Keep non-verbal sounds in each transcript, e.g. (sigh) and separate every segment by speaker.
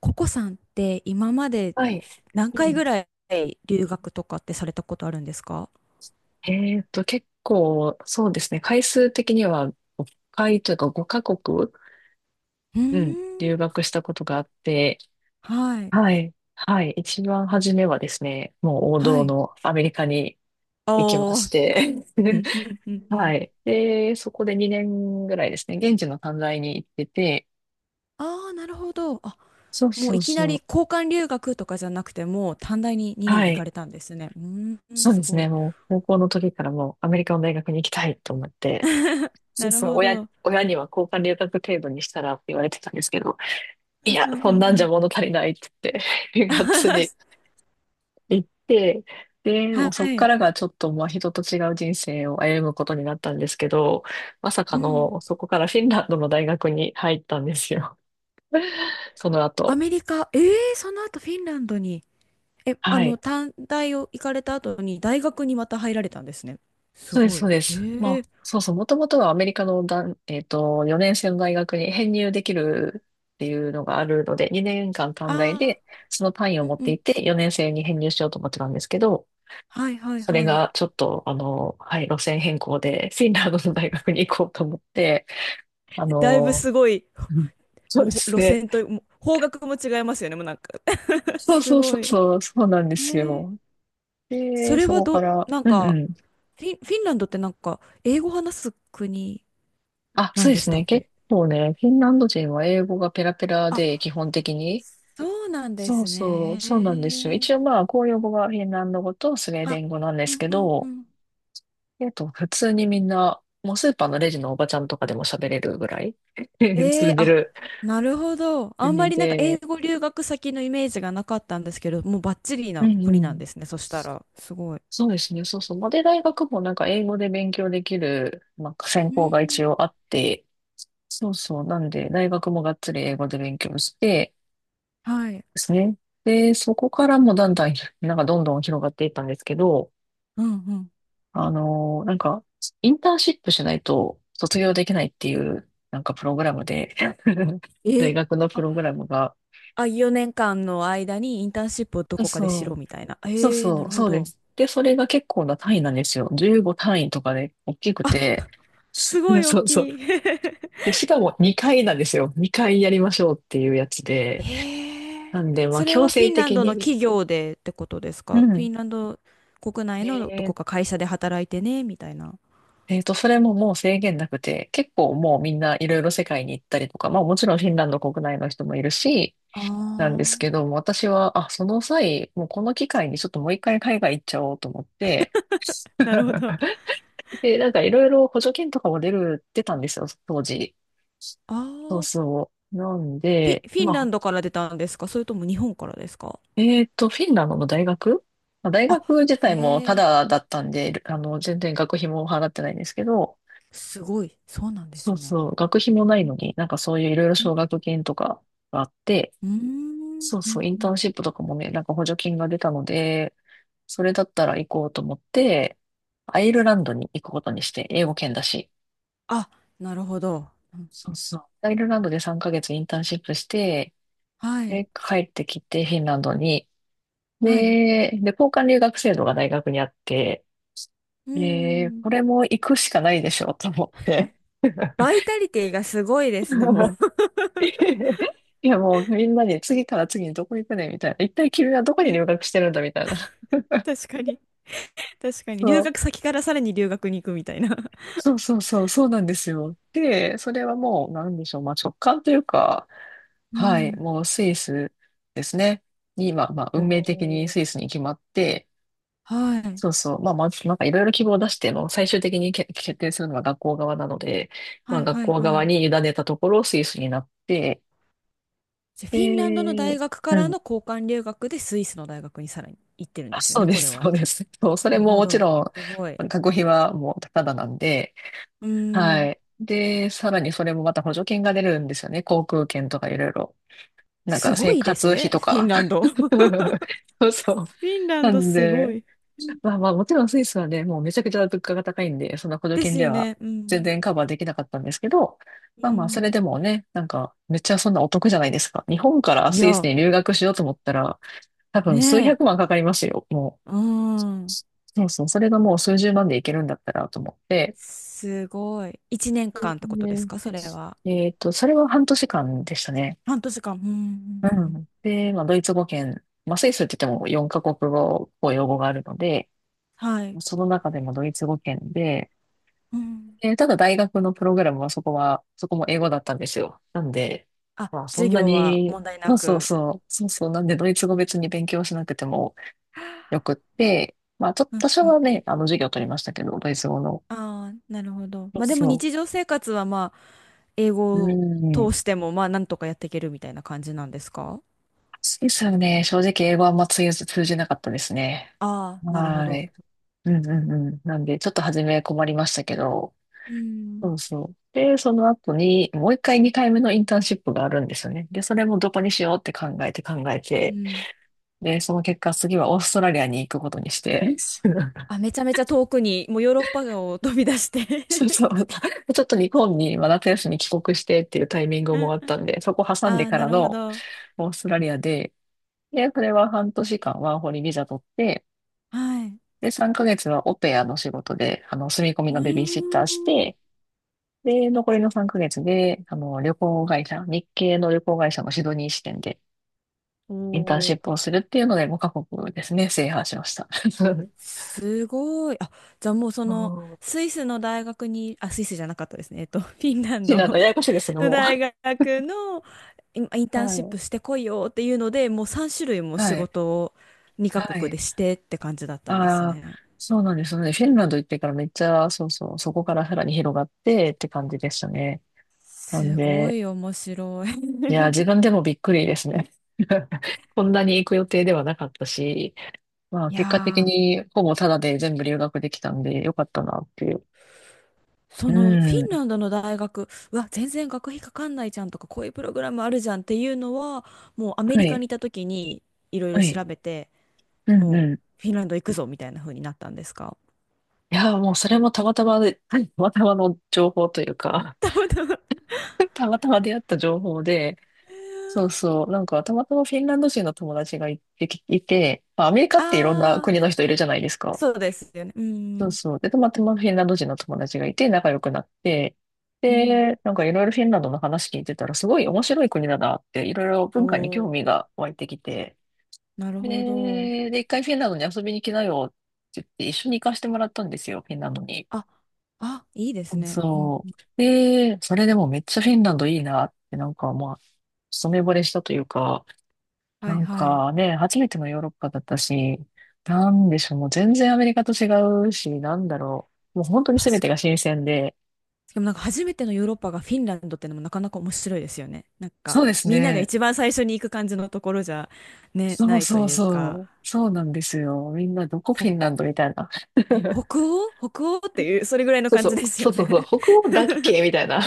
Speaker 1: ココさんって今まで
Speaker 2: はい。
Speaker 1: 何
Speaker 2: う
Speaker 1: 回ぐ
Speaker 2: ん。
Speaker 1: らい留学とかってされたことあるんですか？
Speaker 2: 結構、そうですね。回数的には5回というか5カ国、
Speaker 1: うー
Speaker 2: うん、
Speaker 1: ん、
Speaker 2: 留学したことがあって、
Speaker 1: はい、
Speaker 2: はい。はい。一番初めはですね、もう王
Speaker 1: は
Speaker 2: 道
Speaker 1: い。
Speaker 2: のアメリカに
Speaker 1: あ
Speaker 2: 行きまし
Speaker 1: あ、
Speaker 2: て、
Speaker 1: う
Speaker 2: (laughs)
Speaker 1: んうんうんう
Speaker 2: は
Speaker 1: ん。
Speaker 2: い。で、そこで2年ぐらいですね、現地の短大に行ってて、
Speaker 1: ああ、なるほど。
Speaker 2: そう
Speaker 1: もう
Speaker 2: そ
Speaker 1: い
Speaker 2: う
Speaker 1: きな
Speaker 2: そ
Speaker 1: り
Speaker 2: う。
Speaker 1: 交換留学とかじゃなくて、もう短大に2年
Speaker 2: は
Speaker 1: 行か
Speaker 2: い。
Speaker 1: れたんですね。うーん、
Speaker 2: そう
Speaker 1: す
Speaker 2: です
Speaker 1: ご
Speaker 2: ね。
Speaker 1: い。
Speaker 2: もう高校の時からもうアメリカの大学に行きたいと思って、
Speaker 1: (laughs)
Speaker 2: そ
Speaker 1: な
Speaker 2: う
Speaker 1: る
Speaker 2: そう、
Speaker 1: ほど。
Speaker 2: 親には交換留学程度にしたらって言われてたんですけど、い
Speaker 1: うん
Speaker 2: や、
Speaker 1: うん
Speaker 2: そ
Speaker 1: う
Speaker 2: んな
Speaker 1: んう
Speaker 2: んじゃ
Speaker 1: ん。
Speaker 2: 物足りないって言って、(laughs) がっつり
Speaker 1: (laughs)
Speaker 2: 行って、で、も
Speaker 1: は
Speaker 2: うそっか
Speaker 1: い。
Speaker 2: らがちょっと、まあ、人と違う人生を歩むことになったんですけど、まさか
Speaker 1: うん。
Speaker 2: の、そこからフィンランドの大学に入ったんですよ。(laughs) その
Speaker 1: ア
Speaker 2: 後。
Speaker 1: メリカ、ええー、その後フィンランドに。え、あ
Speaker 2: は
Speaker 1: の、
Speaker 2: い。
Speaker 1: 短大を行かれた後に大学にまた入られたんですね。す
Speaker 2: そうです、
Speaker 1: ごい。
Speaker 2: そうです。ま
Speaker 1: へ
Speaker 2: あ、
Speaker 1: え。
Speaker 2: そうそう、もともとはアメリカのだん、えっと、4年生の大学に (laughs) 編入できるっていうのがあるので、2年間短大
Speaker 1: ああ、
Speaker 2: で、その単位を
Speaker 1: う
Speaker 2: 持
Speaker 1: ん
Speaker 2: っ
Speaker 1: う
Speaker 2: て
Speaker 1: ん。
Speaker 2: いて、4年生に編入しようと思ってたんですけど、
Speaker 1: はいはい
Speaker 2: それ
Speaker 1: はい。
Speaker 2: がちょっと、はい、路線変更で、フィンランドの大学に行こうと思って、あ
Speaker 1: (laughs) だいぶ
Speaker 2: の、
Speaker 1: すごい、
Speaker 2: うんそ
Speaker 1: も
Speaker 2: う
Speaker 1: う
Speaker 2: で
Speaker 1: ほ
Speaker 2: す
Speaker 1: 路
Speaker 2: ね。
Speaker 1: 線と、もう方角も違いますよね、もうなんか。 (laughs)
Speaker 2: そう
Speaker 1: す
Speaker 2: そうそ
Speaker 1: ご
Speaker 2: う
Speaker 1: い。
Speaker 2: そう、そうなんです
Speaker 1: へえ。
Speaker 2: よ。
Speaker 1: そ
Speaker 2: で、
Speaker 1: れ
Speaker 2: そ
Speaker 1: は
Speaker 2: こか
Speaker 1: ど、
Speaker 2: ら、
Speaker 1: なん
Speaker 2: うんう
Speaker 1: か、
Speaker 2: ん。
Speaker 1: フィンランドってなんか、英語話す国
Speaker 2: あ、
Speaker 1: な
Speaker 2: そ
Speaker 1: ん
Speaker 2: うで
Speaker 1: でし
Speaker 2: す
Speaker 1: たっ
Speaker 2: ね。結
Speaker 1: け？
Speaker 2: 構ね、フィンランド人は英語がペラペラ
Speaker 1: あ、
Speaker 2: で、基本的に、
Speaker 1: そうなんで
Speaker 2: そ
Speaker 1: す
Speaker 2: うそう、
Speaker 1: ね。
Speaker 2: そうなんですよ。
Speaker 1: へ
Speaker 2: 一応
Speaker 1: え。
Speaker 2: まあ、公用語がフィンランド語とスウェーデ
Speaker 1: あ、
Speaker 2: ン語なんで
Speaker 1: う
Speaker 2: す
Speaker 1: ん
Speaker 2: け
Speaker 1: うんう
Speaker 2: ど、
Speaker 1: ん。
Speaker 2: 普通にみんな、もうスーパーのレジのおばちゃんとかでも喋れるぐらい (laughs)
Speaker 1: えー、
Speaker 2: 通じ
Speaker 1: あ、
Speaker 2: る
Speaker 1: なるほど。あんま
Speaker 2: 国
Speaker 1: りなんか英
Speaker 2: で、
Speaker 1: 語留学先のイメージがなかったんですけど、もうバッチリ
Speaker 2: う
Speaker 1: な
Speaker 2: んう
Speaker 1: 国なんで
Speaker 2: ん。
Speaker 1: すね。そしたら、すごい。
Speaker 2: そうですね、そうそう。まあで、大学もなんか英語で勉強できる、まあ、専
Speaker 1: う
Speaker 2: 攻が一
Speaker 1: ん。
Speaker 2: 応あって、そうそう。なんで、大学もがっつり英語で勉強して
Speaker 1: はい。
Speaker 2: ですね。で、そこからもだんだん、なんかどんどん広がっていったんですけど、
Speaker 1: うんうん。
Speaker 2: なんか、インターンシップしないと卒業できないっていう、なんかプログラムで、(laughs)
Speaker 1: え
Speaker 2: 大
Speaker 1: ー、
Speaker 2: 学のプ
Speaker 1: あ、
Speaker 2: ログラムが、
Speaker 1: あ、4年間の間にインターンシップをどこかでしろ
Speaker 2: そう、
Speaker 1: みたいな。え
Speaker 2: そう
Speaker 1: ー、な
Speaker 2: そ
Speaker 1: る
Speaker 2: う、
Speaker 1: ほ
Speaker 2: そうで
Speaker 1: ど。
Speaker 2: す。で、それが結構な単位なんですよ。15単位とかで大きくて、(laughs)
Speaker 1: すごい大
Speaker 2: そうそう。
Speaker 1: きい。(laughs)
Speaker 2: で、しかも2回なんですよ。2回やりましょうっていうやつで。
Speaker 1: へ
Speaker 2: な
Speaker 1: え。
Speaker 2: んで、まあ
Speaker 1: それ
Speaker 2: 強
Speaker 1: はフ
Speaker 2: 制
Speaker 1: ィンラン
Speaker 2: 的
Speaker 1: ドの
Speaker 2: に。
Speaker 1: 企業でってことです
Speaker 2: う
Speaker 1: か？フィ
Speaker 2: ん。
Speaker 1: ンランド国内のど
Speaker 2: えー
Speaker 1: こか会社で働いてね、みたいな。
Speaker 2: えーと、それももう制限なくて、結構もうみんないろいろ世界に行ったりとか、まあもちろんフィンランド国内の人もいるし、
Speaker 1: あ
Speaker 2: なんですけ
Speaker 1: あ。
Speaker 2: ども、私は、あ、その際、もうこの機会にちょっともう一回海外行っちゃおうと思って、
Speaker 1: なるほど。あ
Speaker 2: で、なんかいろいろ補助金とかも出たんですよ、当時。そう
Speaker 1: あ。
Speaker 2: そう。なんで、
Speaker 1: フィン
Speaker 2: ま
Speaker 1: ラ
Speaker 2: あ、
Speaker 1: ンドから出たんですか？それとも日本からですか？
Speaker 2: フィンランドの大学まあ大
Speaker 1: あ、
Speaker 2: 学自
Speaker 1: へ
Speaker 2: 体もタ
Speaker 1: え、
Speaker 2: ダだったんで、あの、全然学費も払ってないんですけど、
Speaker 1: すごい。そうなんで
Speaker 2: そ
Speaker 1: す
Speaker 2: う
Speaker 1: ね。
Speaker 2: そう、学費もない
Speaker 1: うん
Speaker 2: のに、なんかそういういろいろ
Speaker 1: うん
Speaker 2: 奨学金とかがあって、
Speaker 1: うん
Speaker 2: そう
Speaker 1: うん
Speaker 2: そう、イン
Speaker 1: う
Speaker 2: ター
Speaker 1: ん、
Speaker 2: ンシップとかもね、なんか補助金が出たので、それだったら行こうと思って、アイルランドに行くことにして、英語圏だし。
Speaker 1: あ、なるほど。うん、
Speaker 2: そうそう。アイルランドで3ヶ月インターンシップして、
Speaker 1: はい。
Speaker 2: で、帰ってきてフィンランドに。
Speaker 1: はい。
Speaker 2: で、交換留学制度が大学にあって、
Speaker 1: う
Speaker 2: で、
Speaker 1: ん。
Speaker 2: これも行くしかないでしょうと思って。
Speaker 1: バイ
Speaker 2: (laughs)
Speaker 1: タリティがすごいですね、もう。
Speaker 2: いやもうみんなに次から次にどこ行くねみたいな。一体君はど
Speaker 1: (laughs)
Speaker 2: こ
Speaker 1: う
Speaker 2: に
Speaker 1: ん、
Speaker 2: 留学してるんだみたいな。
Speaker 1: 確かに。確かに。
Speaker 2: そ
Speaker 1: 留
Speaker 2: う
Speaker 1: 学先からさらに留学に行くみたいな。
Speaker 2: そうそうそう、そうなんですよ。で、それはもう、なんでしょう、まあ、直感というか、
Speaker 1: う
Speaker 2: はい、
Speaker 1: ん。
Speaker 2: もうスイスですね。に、まあ、まあ、
Speaker 1: お
Speaker 2: 運命的に
Speaker 1: ー、
Speaker 2: スイスに決まって、
Speaker 1: はい。
Speaker 2: そうそう、まあ、まず、なんかいろいろ希望を出しても、最終的に決定するのは学校側なので、ま
Speaker 1: は
Speaker 2: あ、
Speaker 1: い
Speaker 2: 学
Speaker 1: はい
Speaker 2: 校
Speaker 1: は
Speaker 2: 側
Speaker 1: い。
Speaker 2: に委ねたところ、スイスになって、
Speaker 1: じゃあ、フィンランドの
Speaker 2: で、
Speaker 1: 大学か
Speaker 2: う
Speaker 1: ら
Speaker 2: ん、
Speaker 1: の交換留学でスイスの大学にさらに行ってるん
Speaker 2: あ
Speaker 1: ですよ
Speaker 2: そう
Speaker 1: ね、
Speaker 2: で
Speaker 1: これ
Speaker 2: す、そう
Speaker 1: は。
Speaker 2: です。そう、それ
Speaker 1: なる
Speaker 2: も
Speaker 1: ほ
Speaker 2: もち
Speaker 1: ど。
Speaker 2: ろ
Speaker 1: すごい。
Speaker 2: ん、学費はもうただなんで、
Speaker 1: うー
Speaker 2: は
Speaker 1: ん。
Speaker 2: い。で、さらにそれもまた補助金が出るんですよね。航空券とかいろいろ。なん
Speaker 1: す
Speaker 2: か
Speaker 1: ご
Speaker 2: 生
Speaker 1: いです
Speaker 2: 活費
Speaker 1: ね、
Speaker 2: と
Speaker 1: フィン
Speaker 2: か。
Speaker 1: ランド。(laughs) フ
Speaker 2: (laughs) そうそう。
Speaker 1: ィンラン
Speaker 2: な
Speaker 1: ド
Speaker 2: ん
Speaker 1: すご
Speaker 2: で、
Speaker 1: い。
Speaker 2: まあまあもちろんスイスはね、もうめちゃくちゃ物価が高いんで、その補助
Speaker 1: で
Speaker 2: 金
Speaker 1: す
Speaker 2: で
Speaker 1: よ
Speaker 2: は
Speaker 1: ね。う
Speaker 2: 全
Speaker 1: ん。
Speaker 2: 然カバーできなかったんですけど、
Speaker 1: う
Speaker 2: まあまあそれ
Speaker 1: ん。
Speaker 2: でもね、なんかめっちゃそんなお得じゃないですか。日本から
Speaker 1: い
Speaker 2: スイス
Speaker 1: や、
Speaker 2: に留学しようと思ったら、多分
Speaker 1: ね
Speaker 2: 数
Speaker 1: え。
Speaker 2: 百万かかりますよ、もう。
Speaker 1: うん。
Speaker 2: そうそう、それがもう数十万でいけるんだったらと思って、
Speaker 1: すごい。一年間ってことです
Speaker 2: ね
Speaker 1: か、それは。
Speaker 2: えっと、それは半年間でしたね。
Speaker 1: 半年間。うん、
Speaker 2: う
Speaker 1: うん、うん。
Speaker 2: ん。で、まあ、ドイツ語圏、まあ、スイスって言っても4カ国語、公用語があるので、
Speaker 1: はい。
Speaker 2: その中でもドイツ語圏で、
Speaker 1: うん。
Speaker 2: ただ大学のプログラムはそこも英語だったんですよ。なんで、
Speaker 1: あ、
Speaker 2: まあ、そ
Speaker 1: 授
Speaker 2: んな
Speaker 1: 業は
Speaker 2: に、
Speaker 1: 問題
Speaker 2: そ
Speaker 1: な
Speaker 2: うそう
Speaker 1: く。
Speaker 2: そう、そうそう、なんでドイツ語別に勉強しなくてもよくって、まあ、ちょっ
Speaker 1: うん、
Speaker 2: と多少
Speaker 1: うん。
Speaker 2: はね、あの、授業を取りましたけど、ドイツ語の。
Speaker 1: ああ、なるほど。
Speaker 2: そ
Speaker 1: ま
Speaker 2: う
Speaker 1: あでも
Speaker 2: そ
Speaker 1: 日常生活はまあ、英
Speaker 2: う。う
Speaker 1: 語を
Speaker 2: ん。
Speaker 1: 通してもまあ、なんとかやっていけるみたいな感じなんですか？
Speaker 2: スイスはね、正直英語はあんま通じなかったですね。
Speaker 1: ああー、なるほ
Speaker 2: は
Speaker 1: ど。
Speaker 2: い。うんうんうん。なんで、ちょっと初め困りましたけど、
Speaker 1: うん。
Speaker 2: そうそう。で、その後に、もう二回目のインターンシップがあるんですよね。で、それもどこにしようって考え
Speaker 1: う
Speaker 2: て、
Speaker 1: ん。
Speaker 2: で、その結果、次はオーストラリアに行くことにして、
Speaker 1: あ、
Speaker 2: (laughs)
Speaker 1: めちゃめちゃ遠くに、もうヨーロッパを飛び出して。
Speaker 2: そうそう。
Speaker 1: (laughs)
Speaker 2: ちょっと日本に、まあ夏休み帰国してっていうタイミング
Speaker 1: う
Speaker 2: も
Speaker 1: ん
Speaker 2: あっ
Speaker 1: うん。
Speaker 2: たんで、そこ
Speaker 1: (laughs)
Speaker 2: 挟ん
Speaker 1: あ
Speaker 2: で
Speaker 1: ー、
Speaker 2: か
Speaker 1: な
Speaker 2: ら
Speaker 1: るほ
Speaker 2: の
Speaker 1: ど。
Speaker 2: オーストラリアで、で、それは半年間ワーホリビザ取って、
Speaker 1: はい。
Speaker 2: で、3ヶ月はオペアの仕事で、あの、住み込み
Speaker 1: うー
Speaker 2: のベビーシッターし
Speaker 1: ん。
Speaker 2: て、で、残りの3ヶ月で、あの、旅行会社、日系の旅行会社のシドニー支店で
Speaker 1: お
Speaker 2: インターンシッ
Speaker 1: お、
Speaker 2: プをするっていうので、5カ国ですね、制覇しました。(laughs)
Speaker 1: すごい。あ、じゃあもうその、
Speaker 2: そう。
Speaker 1: スイスの大学に、あ、スイスじゃなかったですね。えっと、(laughs) フィンラン
Speaker 2: シー
Speaker 1: ド
Speaker 2: ランド、ややこしいですけ
Speaker 1: (laughs)
Speaker 2: ど
Speaker 1: の
Speaker 2: も
Speaker 1: 大学のイン
Speaker 2: う。
Speaker 1: ターン
Speaker 2: は
Speaker 1: シッ
Speaker 2: い。
Speaker 1: プしてこいよっていうので、もう3種類も
Speaker 2: は
Speaker 1: 仕
Speaker 2: い。
Speaker 1: 事を2カ
Speaker 2: は
Speaker 1: 国
Speaker 2: い。
Speaker 1: でしてって感じだったんです
Speaker 2: ああ、
Speaker 1: ね。
Speaker 2: そうなんですね。フィンランド行ってからめっちゃ、そうそう、そこからさらに広がってって感じでしたね。なん
Speaker 1: すご
Speaker 2: で、
Speaker 1: い面白い。
Speaker 2: いや、自
Speaker 1: (laughs)
Speaker 2: 分でもびっくりですね。(laughs) こんなに行く予定ではなかったし、まあ、
Speaker 1: い
Speaker 2: 結果的
Speaker 1: やー、
Speaker 2: にほぼタダで全部留学できたんでよかったなってう
Speaker 1: そのフィン
Speaker 2: ん。
Speaker 1: ランドの大学、うわ、全然学費かかんないじゃんとか、こういうプログラムあるじゃんっていうのは、もうアメ
Speaker 2: は
Speaker 1: リカ
Speaker 2: い。
Speaker 1: にいた時にいろいろ
Speaker 2: はい。
Speaker 1: 調べて、
Speaker 2: うん
Speaker 1: もう
Speaker 2: うん。
Speaker 1: フィンランド行くぞみたいな風になったんですか？
Speaker 2: いやー、もうそれもたまたまで、(laughs) はいたまたまの情報というか
Speaker 1: たまたま。
Speaker 2: (laughs) たまたま出会った情報で、そうそう、なんかたまたまフィンランド人の友達がいて、いて、まあ、アメリカ
Speaker 1: あ
Speaker 2: っていろんな
Speaker 1: あ、
Speaker 2: 国の人いるじゃないですか。
Speaker 1: そうですよね。う
Speaker 2: そう
Speaker 1: ん。
Speaker 2: そう。で、たまたまフィンランド人の友達がいて仲良くなって、
Speaker 1: うん。
Speaker 2: で、なんかいろいろフィンランドの話聞いてたら、すごい面白い国だなって、いろいろ
Speaker 1: お
Speaker 2: 文化に興
Speaker 1: お、
Speaker 2: 味が湧いてきて、
Speaker 1: なるほど。
Speaker 2: で、一回フィンランドに遊びに来なよって言って、一緒に行かせてもらったんですよ、フィンランドに。
Speaker 1: あ、あ、いいですね。うん
Speaker 2: そ
Speaker 1: うん。
Speaker 2: う。で、それでもめっちゃフィンランドいいなって、なんかまあ、一目惚れしたというか、
Speaker 1: は
Speaker 2: な
Speaker 1: い
Speaker 2: ん
Speaker 1: はい。
Speaker 2: かね、初めてのヨーロッパだったし、なんでしょう、もう全然アメリカと違うし、なんだろう。もう本当に全
Speaker 1: 確
Speaker 2: て
Speaker 1: か
Speaker 2: が
Speaker 1: に、
Speaker 2: 新鮮で。
Speaker 1: でもなんか初めてのヨーロッパがフィンランドってのもなかなか面白いですよね。なんか
Speaker 2: そうです
Speaker 1: みんなが
Speaker 2: ね。
Speaker 1: 一番最初に行く感じのところじゃ、ね、
Speaker 2: そ
Speaker 1: な
Speaker 2: う
Speaker 1: いと
Speaker 2: そう
Speaker 1: いうか、
Speaker 2: そう。そうなんですよ。みんなどこ
Speaker 1: ほ、
Speaker 2: フィンランドみたいな。
Speaker 1: ね、北
Speaker 2: (laughs)
Speaker 1: 欧北欧っていう、それぐらいの
Speaker 2: そう
Speaker 1: 感
Speaker 2: そ
Speaker 1: じ
Speaker 2: う、
Speaker 1: です
Speaker 2: そ
Speaker 1: よ
Speaker 2: うそうそう、
Speaker 1: ね。
Speaker 2: 北欧だっけみたいな。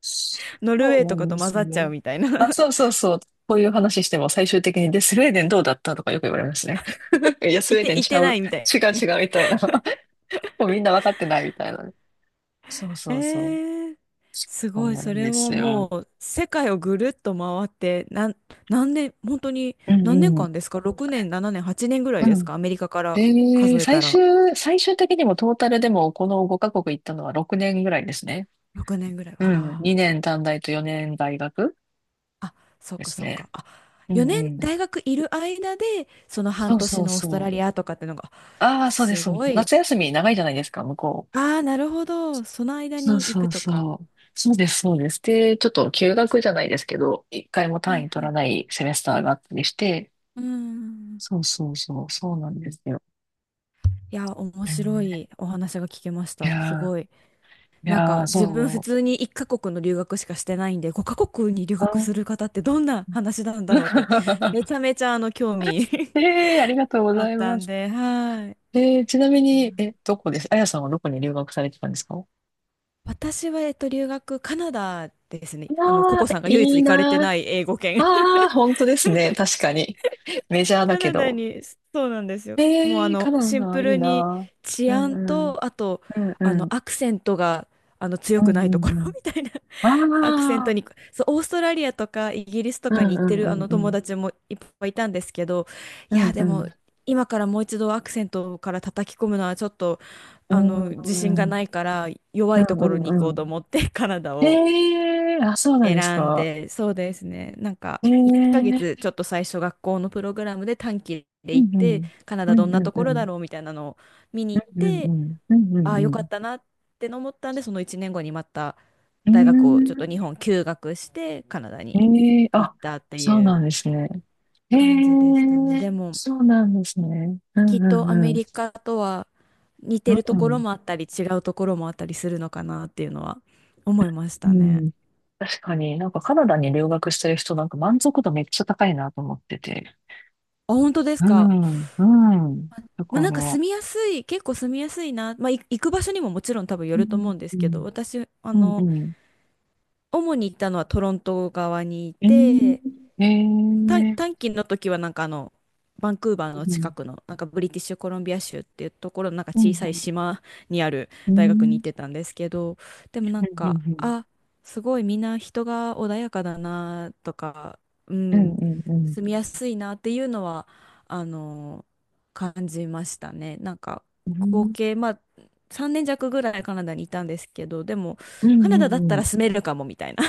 Speaker 2: そ
Speaker 1: (laughs) ノルウェ
Speaker 2: う
Speaker 1: ー
Speaker 2: な
Speaker 1: とか
Speaker 2: ん
Speaker 1: と
Speaker 2: で
Speaker 1: 混
Speaker 2: す
Speaker 1: ざっちゃ
Speaker 2: ね。
Speaker 1: うみたいな。
Speaker 2: あ、
Speaker 1: (laughs)
Speaker 2: そうそうそう。こういう話しても最終的に、で、スウェーデンどうだったとかよく言われますね。(laughs) いや、ス
Speaker 1: い
Speaker 2: ウェー
Speaker 1: て、
Speaker 2: デン
Speaker 1: い
Speaker 2: ち
Speaker 1: て
Speaker 2: ゃ
Speaker 1: な
Speaker 2: う。
Speaker 1: いみたい
Speaker 2: 違う違うみたいな。(laughs) もうみんな分かってないみたいな。そう
Speaker 1: な。
Speaker 2: そうそう。
Speaker 1: えー、す
Speaker 2: そう
Speaker 1: ごい、
Speaker 2: な
Speaker 1: そ
Speaker 2: ん
Speaker 1: れ
Speaker 2: で
Speaker 1: は
Speaker 2: す
Speaker 1: も
Speaker 2: よ。
Speaker 1: う世界をぐるっと回って、何年、本当に
Speaker 2: うん
Speaker 1: 何年
Speaker 2: うん。
Speaker 1: 間ですか？ 6 年、7年、8年ぐらい
Speaker 2: う
Speaker 1: です
Speaker 2: ん。
Speaker 1: か、アメリカから
Speaker 2: えー、
Speaker 1: 数えた
Speaker 2: 最終、
Speaker 1: ら。
Speaker 2: 最終的にもトータルでもこの5カ国行ったのは6年ぐらいですね。
Speaker 1: 6年ぐらい。
Speaker 2: う
Speaker 1: わ
Speaker 2: ん。
Speaker 1: あ、
Speaker 2: 2年短大と4年大学
Speaker 1: あ、そっ
Speaker 2: で
Speaker 1: か
Speaker 2: す
Speaker 1: そっ
Speaker 2: ね。
Speaker 1: か。あ、
Speaker 2: うんう
Speaker 1: 4年
Speaker 2: ん。
Speaker 1: 大学いる間で、その半
Speaker 2: そう
Speaker 1: 年
Speaker 2: そう
Speaker 1: のオースト
Speaker 2: そ
Speaker 1: ラリ
Speaker 2: う。
Speaker 1: アとかってのが、
Speaker 2: ああ、そうで
Speaker 1: す
Speaker 2: す。そうで
Speaker 1: ご
Speaker 2: す、
Speaker 1: い。
Speaker 2: 夏休み長いじゃないですか、向こう。
Speaker 1: ああ、なるほど。その間
Speaker 2: そ
Speaker 1: に
Speaker 2: う
Speaker 1: 行
Speaker 2: そ
Speaker 1: く
Speaker 2: う
Speaker 1: とか。
Speaker 2: そう。そうです、そうです。で、ちょっと休学じゃないですけど、一回も
Speaker 1: は
Speaker 2: 単
Speaker 1: い
Speaker 2: 位取
Speaker 1: は
Speaker 2: ら
Speaker 1: い。
Speaker 2: ないセメスターがあったりして、
Speaker 1: うん。
Speaker 2: そうそうそう、そうなんですよ。
Speaker 1: いや、面
Speaker 2: え
Speaker 1: 白い
Speaker 2: ー
Speaker 1: お話が聞けまし
Speaker 2: い
Speaker 1: た。す
Speaker 2: やー、
Speaker 1: ごい。なんか、自分普
Speaker 2: そう。
Speaker 1: 通に1カ国の留学しかしてないんで、5カ国に留
Speaker 2: あ
Speaker 1: 学する方ってどんな話なんだろうって、
Speaker 2: ー
Speaker 1: めちゃめちゃあの、興味
Speaker 2: (laughs) ありが
Speaker 1: (laughs)
Speaker 2: とうご
Speaker 1: あ
Speaker 2: ざ
Speaker 1: っ
Speaker 2: い
Speaker 1: た
Speaker 2: ま
Speaker 1: ん
Speaker 2: す。
Speaker 1: で、はい。
Speaker 2: えー、ちなみに、え、どこです、あやさんはどこに留学されてたんですか。あ
Speaker 1: 私は、えっと、留学、カナダですね。
Speaker 2: あ
Speaker 1: あの、ココ
Speaker 2: ー、
Speaker 1: さんが唯
Speaker 2: い
Speaker 1: 一
Speaker 2: い
Speaker 1: 行かれて
Speaker 2: なー。
Speaker 1: ない英語圏。(laughs)
Speaker 2: ああ、本当ですね。確かに。メジャーだ
Speaker 1: カ
Speaker 2: け
Speaker 1: ナダ
Speaker 2: ど。
Speaker 1: に、そうなんですよ。もう、あ
Speaker 2: えー、カ
Speaker 1: の、
Speaker 2: ナ
Speaker 1: シン
Speaker 2: ダ、
Speaker 1: プ
Speaker 2: いい
Speaker 1: ルに
Speaker 2: な
Speaker 1: 治
Speaker 2: ー。うん
Speaker 1: 安
Speaker 2: うん。
Speaker 1: と、あと、
Speaker 2: うん
Speaker 1: あ
Speaker 2: うん
Speaker 1: の、アクセントが、あの、強
Speaker 2: うん
Speaker 1: くな
Speaker 2: う
Speaker 1: いところ
Speaker 2: んう
Speaker 1: (laughs)
Speaker 2: ん。
Speaker 1: みたいな。 (laughs) アクセン
Speaker 2: あ
Speaker 1: ト
Speaker 2: あ、
Speaker 1: に、そう、オーストラリアとかイギリスと
Speaker 2: う
Speaker 1: か
Speaker 2: ん
Speaker 1: に
Speaker 2: う
Speaker 1: 行って
Speaker 2: んう
Speaker 1: る、あ
Speaker 2: ん
Speaker 1: の、
Speaker 2: う
Speaker 1: 友
Speaker 2: ん。
Speaker 1: 達もいっぱいいたんですけど、い
Speaker 2: うん
Speaker 1: や、で
Speaker 2: う
Speaker 1: も、
Speaker 2: ん。
Speaker 1: 今からもう一度アクセントから叩き込むのはちょっと、
Speaker 2: う
Speaker 1: あ
Speaker 2: ん
Speaker 1: の、自信が
Speaker 2: うん
Speaker 1: ないから、弱
Speaker 2: う
Speaker 1: いところに行こ
Speaker 2: ん
Speaker 1: う
Speaker 2: う
Speaker 1: と
Speaker 2: ん。
Speaker 1: 思って、カナダを。
Speaker 2: へえ、あ、そうなんです
Speaker 1: 選ん
Speaker 2: か。
Speaker 1: で、そうですね。なんか、
Speaker 2: へえ、
Speaker 1: 1ヶ
Speaker 2: うん
Speaker 1: 月ちょっと最初学校のプログラムで短期で
Speaker 2: う
Speaker 1: 行っ
Speaker 2: ん。う
Speaker 1: て、カナダどん
Speaker 2: んう
Speaker 1: な
Speaker 2: ん
Speaker 1: と
Speaker 2: う
Speaker 1: ころだ
Speaker 2: ん。
Speaker 1: ろうみたいなのを見
Speaker 2: う
Speaker 1: に行っ
Speaker 2: んうんう
Speaker 1: て、
Speaker 2: ん。うんう
Speaker 1: あ
Speaker 2: ん
Speaker 1: あ、よ
Speaker 2: う
Speaker 1: か
Speaker 2: ん。
Speaker 1: ったなって思ったんで、その1年後にまた大学をちょっと日
Speaker 2: う
Speaker 1: 本休学して、カナダ
Speaker 2: ー
Speaker 1: に
Speaker 2: ん。へえ、
Speaker 1: 行っ
Speaker 2: あ、
Speaker 1: たって
Speaker 2: そう
Speaker 1: い
Speaker 2: な
Speaker 1: う
Speaker 2: んですね。へ
Speaker 1: 感じでしたね。
Speaker 2: え、
Speaker 1: でも、
Speaker 2: そうなんですね。う
Speaker 1: きっ
Speaker 2: んう
Speaker 1: と
Speaker 2: ん
Speaker 1: アメ
Speaker 2: うん。
Speaker 1: リカとは似
Speaker 2: う
Speaker 1: てるところ
Speaker 2: ん
Speaker 1: もあったり、違うところもあったりするのかなっていうのは思いまし
Speaker 2: う
Speaker 1: たね。
Speaker 2: ん。確かになんかカナダに留学してる人なんか満足度めっちゃ高いなと思ってて。
Speaker 1: あ、本当です
Speaker 2: う
Speaker 1: か？
Speaker 2: ん、うん。だ
Speaker 1: ま
Speaker 2: か
Speaker 1: あ
Speaker 2: ら、
Speaker 1: なんか
Speaker 2: う
Speaker 1: 住みやすい、結構住みやすいな。まあい行く場所にももちろん多分よると思
Speaker 2: ん、
Speaker 1: うんで
Speaker 2: う
Speaker 1: すけど、
Speaker 2: ん、
Speaker 1: 私、あ
Speaker 2: うん、
Speaker 1: の、
Speaker 2: うん。
Speaker 1: 主に行ったのはトロント側にい
Speaker 2: えー、
Speaker 1: て、
Speaker 2: えー、
Speaker 1: 短期の時はなんかあのバンクーバー
Speaker 2: う
Speaker 1: の近
Speaker 2: ん、
Speaker 1: くのなんかブリティッシュコロンビア州っていうところのなんか
Speaker 2: うん、う
Speaker 1: 小さい
Speaker 2: ん、
Speaker 1: 島にある
Speaker 2: う
Speaker 1: 大学に行っ
Speaker 2: ん、
Speaker 1: てたんですけど、でもなん
Speaker 2: うん、う
Speaker 1: か、
Speaker 2: ん、
Speaker 1: あ、すごいみんな人が穏やかだなとか、う
Speaker 2: うん、
Speaker 1: ん、
Speaker 2: うん、うん、うん、
Speaker 1: 住みやすいなっていうのはあの感じましたね。なんか合計まあ3年弱ぐらいカナダにいたんですけど、でも
Speaker 2: う
Speaker 1: カ
Speaker 2: ん、
Speaker 1: ナダだった
Speaker 2: う
Speaker 1: ら
Speaker 2: ん。
Speaker 1: 住めるかもみたいな。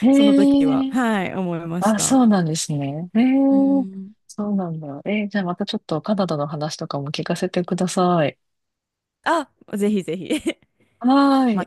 Speaker 2: え
Speaker 1: その時は
Speaker 2: ー、
Speaker 1: はい思いまし
Speaker 2: あ、
Speaker 1: た。
Speaker 2: そうなんですね。え
Speaker 1: う
Speaker 2: ー、
Speaker 1: ん、
Speaker 2: そうなんだ。えー、じゃあまたちょっとカナダの話とかも聞かせてください。
Speaker 1: あ、ぜひぜひ。(laughs)
Speaker 2: はー
Speaker 1: ま
Speaker 2: い。